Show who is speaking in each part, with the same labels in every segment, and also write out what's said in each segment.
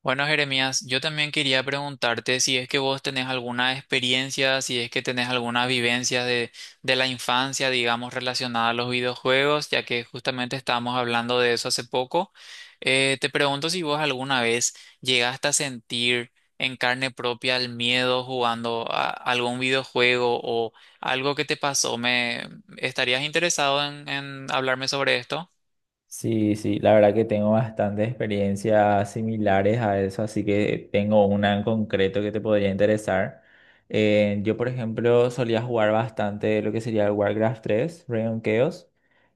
Speaker 1: Bueno, Jeremías, yo también quería preguntarte si es que vos tenés alguna experiencia, si es que tenés alguna vivencia de la infancia, digamos, relacionada a los videojuegos, ya que justamente estábamos hablando de eso hace poco. Te pregunto si vos alguna vez llegaste a sentir en carne propia el miedo jugando a algún videojuego o algo que te pasó. ¿Me estarías interesado en hablarme sobre esto?
Speaker 2: Sí, sí, la verdad que tengo bastantes experiencias similares a eso, así que tengo una en concreto que te podría interesar. Yo, por ejemplo, solía jugar bastante lo que sería el Warcraft tres, Reign of Chaos,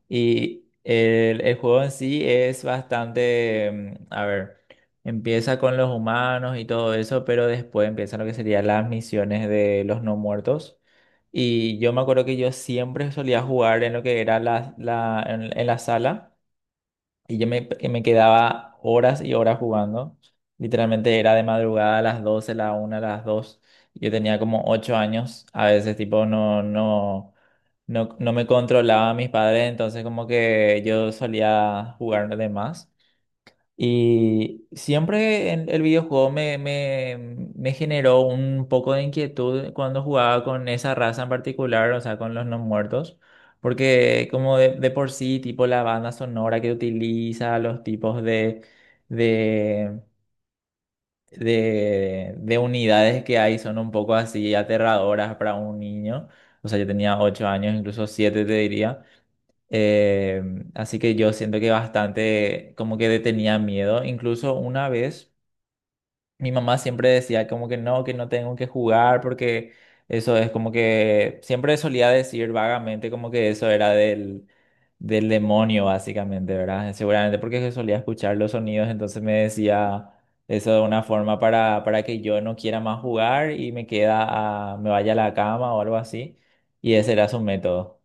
Speaker 2: y el juego en sí es bastante, a ver, empieza con los humanos y todo eso, pero después empiezan lo que serían las misiones de los no muertos. Y yo me acuerdo que yo siempre solía jugar en lo que era en la sala. Y que me quedaba horas y horas jugando. Literalmente era de madrugada, a las doce, a la una, a las dos. Yo tenía como 8 años. A veces, tipo, no me controlaba a mis padres. Entonces, como que yo solía jugar de más. Y siempre en el videojuego me generó un poco de inquietud cuando jugaba con esa raza en particular, o sea, con los no muertos, porque como de por sí, tipo la banda sonora que utiliza, los tipos de, de unidades que hay son un poco así aterradoras para un niño. O sea, yo tenía ocho años, incluso siete te diría. Eh, así que yo siento que bastante como que le tenía miedo. Incluso una vez mi mamá siempre decía como que no tengo que jugar, porque eso es como que siempre solía decir vagamente como que eso era del demonio, básicamente, ¿verdad? Seguramente porque yo solía escuchar los sonidos, entonces me decía eso de una forma para que yo no quiera más jugar y me me vaya a la cama o algo así. Y ese era su método.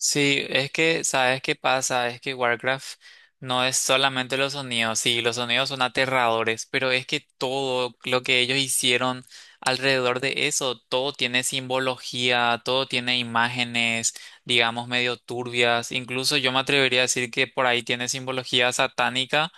Speaker 1: Sí, es que, ¿sabes qué pasa? Es que Warcraft no es solamente los sonidos, sí, los sonidos son aterradores, pero es que todo lo que ellos hicieron alrededor de eso, todo tiene simbología, todo tiene imágenes, digamos, medio turbias. Incluso yo me atrevería a decir que por ahí tiene simbología satánica.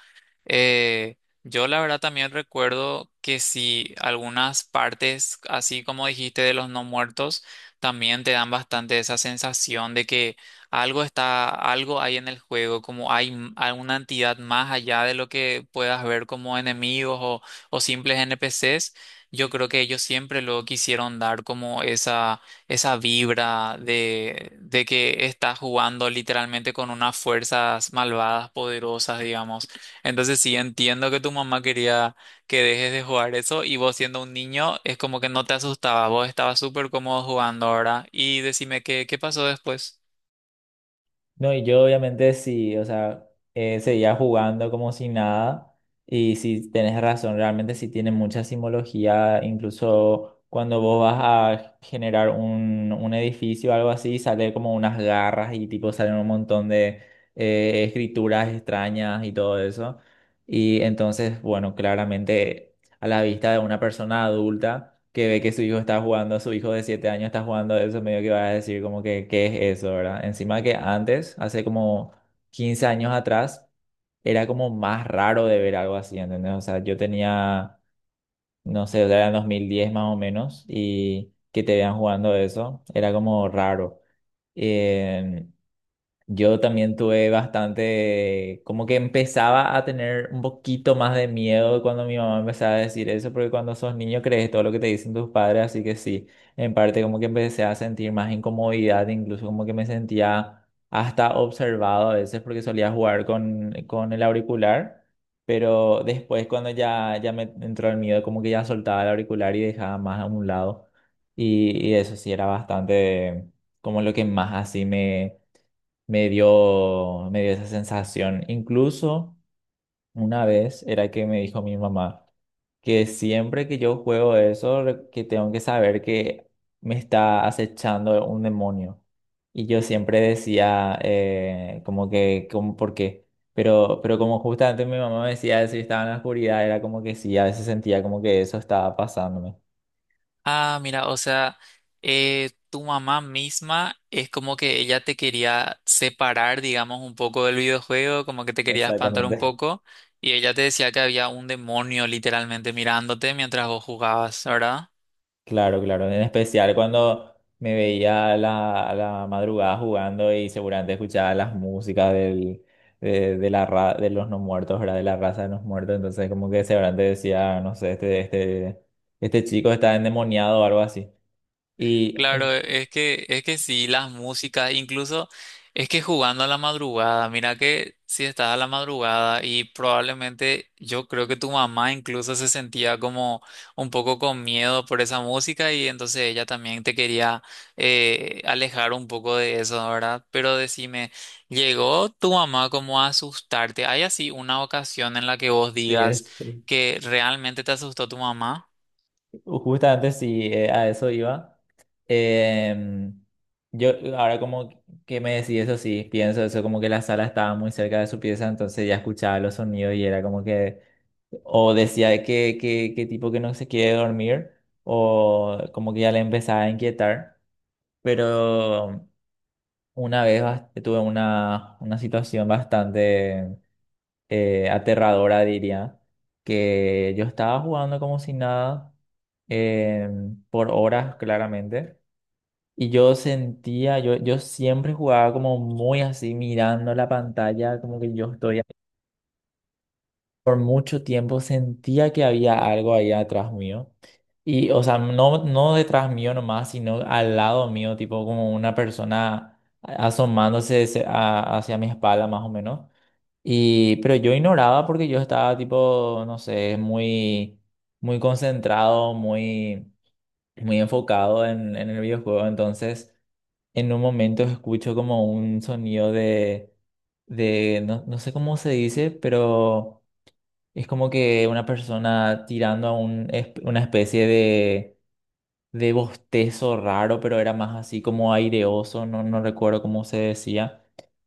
Speaker 1: Eh, yo la verdad también recuerdo que si algunas partes, así como dijiste, de los no muertos, también te dan bastante esa sensación de que algo está, algo hay en el juego, como hay alguna entidad más allá de lo que puedas ver como enemigos o simples NPCs. Yo creo que ellos siempre lo quisieron dar como esa vibra de que estás jugando literalmente con unas fuerzas malvadas, poderosas, digamos. Entonces sí, entiendo que tu mamá quería que dejes de jugar eso, y vos siendo un niño es como que no te asustaba, vos estabas súper cómodo jugando ahora. Y decime qué, qué pasó después.
Speaker 2: No, y yo obviamente sí, o sea, seguía jugando como si nada. Y si tenés razón, realmente sí tiene mucha simbología. Incluso cuando vos vas a generar un edificio o algo así, sale como unas garras y tipo salen un montón de escrituras extrañas y todo eso. Y entonces, bueno, claramente a la vista de una persona adulta que ve que su hijo está jugando, su hijo de 7 años está jugando eso, medio que va a decir como que ¿qué es eso, verdad? Encima que antes, hace como 15 años atrás, era como más raro de ver algo así, ¿entendés? O sea, yo tenía, no sé, o sea, era en 2010 más o menos, y que te vean jugando eso, era como raro. Eh, yo también tuve bastante, como que empezaba a tener un poquito más de miedo cuando mi mamá empezaba a decir eso, porque cuando sos niño crees todo lo que te dicen tus padres, así que sí, en parte como que empecé a sentir más incomodidad, incluso como que me sentía hasta observado a veces porque solía jugar con el auricular, pero después cuando ya me entró el miedo, como que ya soltaba el auricular y dejaba más a un lado, y eso sí era bastante como lo que más así me dio esa sensación. Incluso una vez era que me dijo mi mamá que siempre que yo juego eso, que tengo que saber que me está acechando un demonio. Y yo siempre decía como que, como, ¿por qué? Pero como justamente mi mamá me decía eso y estaba en la oscuridad, era como que sí, a veces sentía como que eso estaba pasándome.
Speaker 1: Ah, mira, o sea, tu mamá misma es como que ella te quería separar, digamos, un poco del videojuego, como que te quería espantar un
Speaker 2: Exactamente.
Speaker 1: poco, y ella te decía que había un demonio literalmente mirándote mientras vos jugabas, ¿verdad?
Speaker 2: Claro, claro, en especial cuando me veía a a la madrugada jugando y seguramente escuchaba las músicas de de los no muertos, ¿verdad? De la raza de los muertos, entonces como que seguramente decía, no sé, este chico está endemoniado o algo así. Y
Speaker 1: Claro, es que sí, las músicas, incluso es que jugando a la madrugada, mira, que si estás a la madrugada y probablemente yo creo que tu mamá incluso se sentía como un poco con miedo por esa música, y entonces ella también te quería alejar un poco de eso, ¿verdad? Pero decime, ¿llegó tu mamá como a asustarte? ¿Hay así una ocasión en la que vos
Speaker 2: sí,
Speaker 1: digas
Speaker 2: es, sí.
Speaker 1: que realmente te asustó tu mamá?
Speaker 2: Justamente sí, a eso iba. Em, yo ahora como que me decís eso, sí, pienso eso, como que la sala estaba muy cerca de su pieza, entonces ya escuchaba los sonidos y era como que... O decía que tipo que no se quiere dormir, o como que ya le empezaba a inquietar. Pero una vez tuve una situación bastante aterradora, diría, que yo estaba jugando como si nada, eh, por horas claramente, y yo, yo siempre jugaba como muy así, mirando la pantalla, como que yo estoy por mucho tiempo sentía que había algo ahí atrás mío. Y, o sea, no, no detrás mío nomás, sino al lado mío, tipo como una persona asomándose hacia mi espalda más o menos. Y, pero yo ignoraba porque yo estaba tipo, no sé, muy, muy concentrado, muy, muy enfocado en el videojuego. Entonces, en un momento escucho como un sonido no, no sé cómo se dice, pero... Es como que una persona tirando a un, es una especie de bostezo raro, pero era más así como aireoso, no, no recuerdo cómo se decía.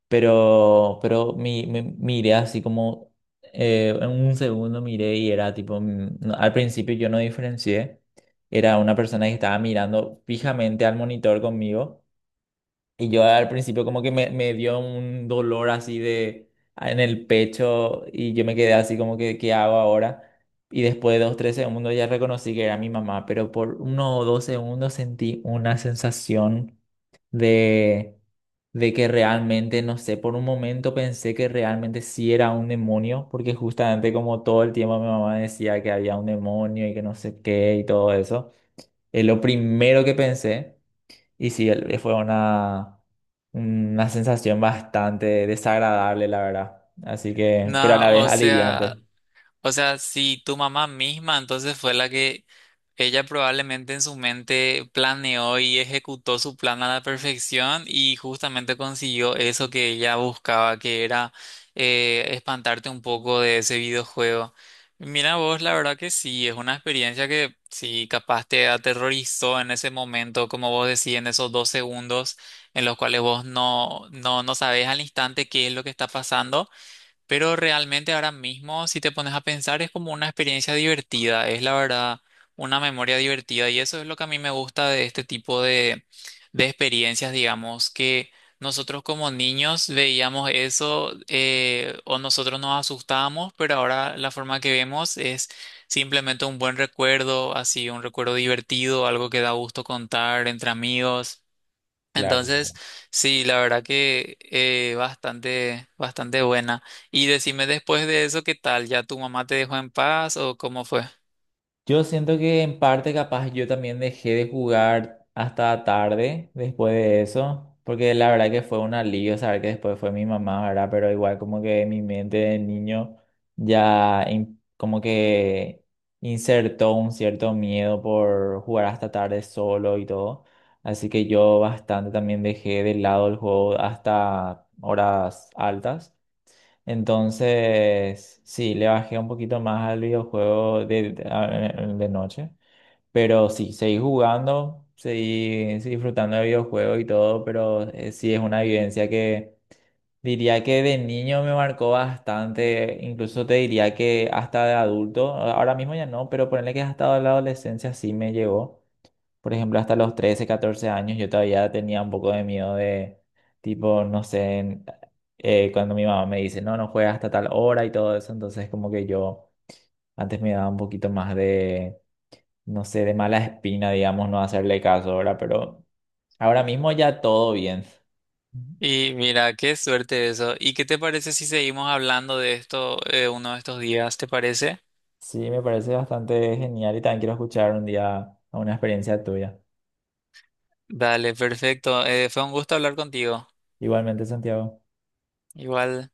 Speaker 2: Pero miré así como, en un segundo miré y era tipo, al principio yo no diferencié, era una persona que estaba mirando fijamente al monitor conmigo. Y yo al principio como que me dio un dolor así de ah, en el pecho y yo me quedé así como que, ¿qué hago ahora? Y después de dos, tres segundos ya reconocí que era mi mamá, pero por uno o dos segundos sentí una sensación de, de que realmente, no sé, por un momento pensé que realmente sí era un demonio, porque justamente como todo el tiempo mi mamá decía que había un demonio y que no sé qué y todo eso, es lo primero que pensé. Y sí, fue una sensación bastante desagradable, la verdad. Así que, pero a la
Speaker 1: No,
Speaker 2: vez
Speaker 1: o sea.
Speaker 2: aliviante.
Speaker 1: O sea, si tu mamá misma entonces fue la que ella probablemente en su mente planeó y ejecutó su plan a la perfección, y justamente consiguió eso que ella buscaba, que era espantarte un poco de ese videojuego. Mira vos, la verdad que sí, es una experiencia que sí, capaz te aterrorizó en ese momento, como vos decís, en esos dos segundos en los cuales vos no sabés al instante qué es lo que está pasando. Pero realmente ahora mismo, si te pones a pensar, es como una experiencia divertida, es la verdad una memoria divertida, y eso es lo que a mí me gusta de este tipo de experiencias, digamos, que nosotros como niños veíamos eso, o nosotros nos asustábamos, pero ahora la forma que vemos es simplemente un buen recuerdo, así un recuerdo divertido, algo que da gusto contar entre amigos.
Speaker 2: Claro.
Speaker 1: Entonces, sí, la verdad que bastante, bastante buena. Y decime, después de eso, ¿qué tal? ¿Ya tu mamá te dejó en paz o cómo fue?
Speaker 2: Yo siento que en parte capaz yo también dejé de jugar hasta tarde después de eso, porque la verdad que fue un alivio saber que después fue mi mamá, ¿verdad? Pero igual como que mi mente de niño ya como que insertó un cierto miedo por jugar hasta tarde solo y todo. Así que yo bastante también dejé de lado el juego hasta horas altas. Entonces, sí, le bajé un poquito más al videojuego de noche, pero sí, seguí jugando, seguí disfrutando del videojuego y todo, pero sí es una vivencia que diría que de niño me marcó bastante, incluso te diría que hasta de adulto, ahora mismo ya no, pero ponerle que hasta la adolescencia sí me llegó. Por ejemplo, hasta los 13, 14 años yo todavía tenía un poco de miedo de, tipo, no sé, cuando mi mamá me dice, no, no juegas hasta tal hora y todo eso, entonces como que yo antes me daba un poquito más de, no sé, de mala espina, digamos, no hacerle caso ahora, pero ahora mismo ya todo bien.
Speaker 1: Y mira, qué suerte eso. ¿Y qué te parece si seguimos hablando de esto, uno de estos días? ¿Te parece?
Speaker 2: Sí, me parece bastante genial y también quiero escuchar un día una experiencia tuya.
Speaker 1: Dale, perfecto. Fue un gusto hablar contigo.
Speaker 2: Igualmente, Santiago.
Speaker 1: Igual.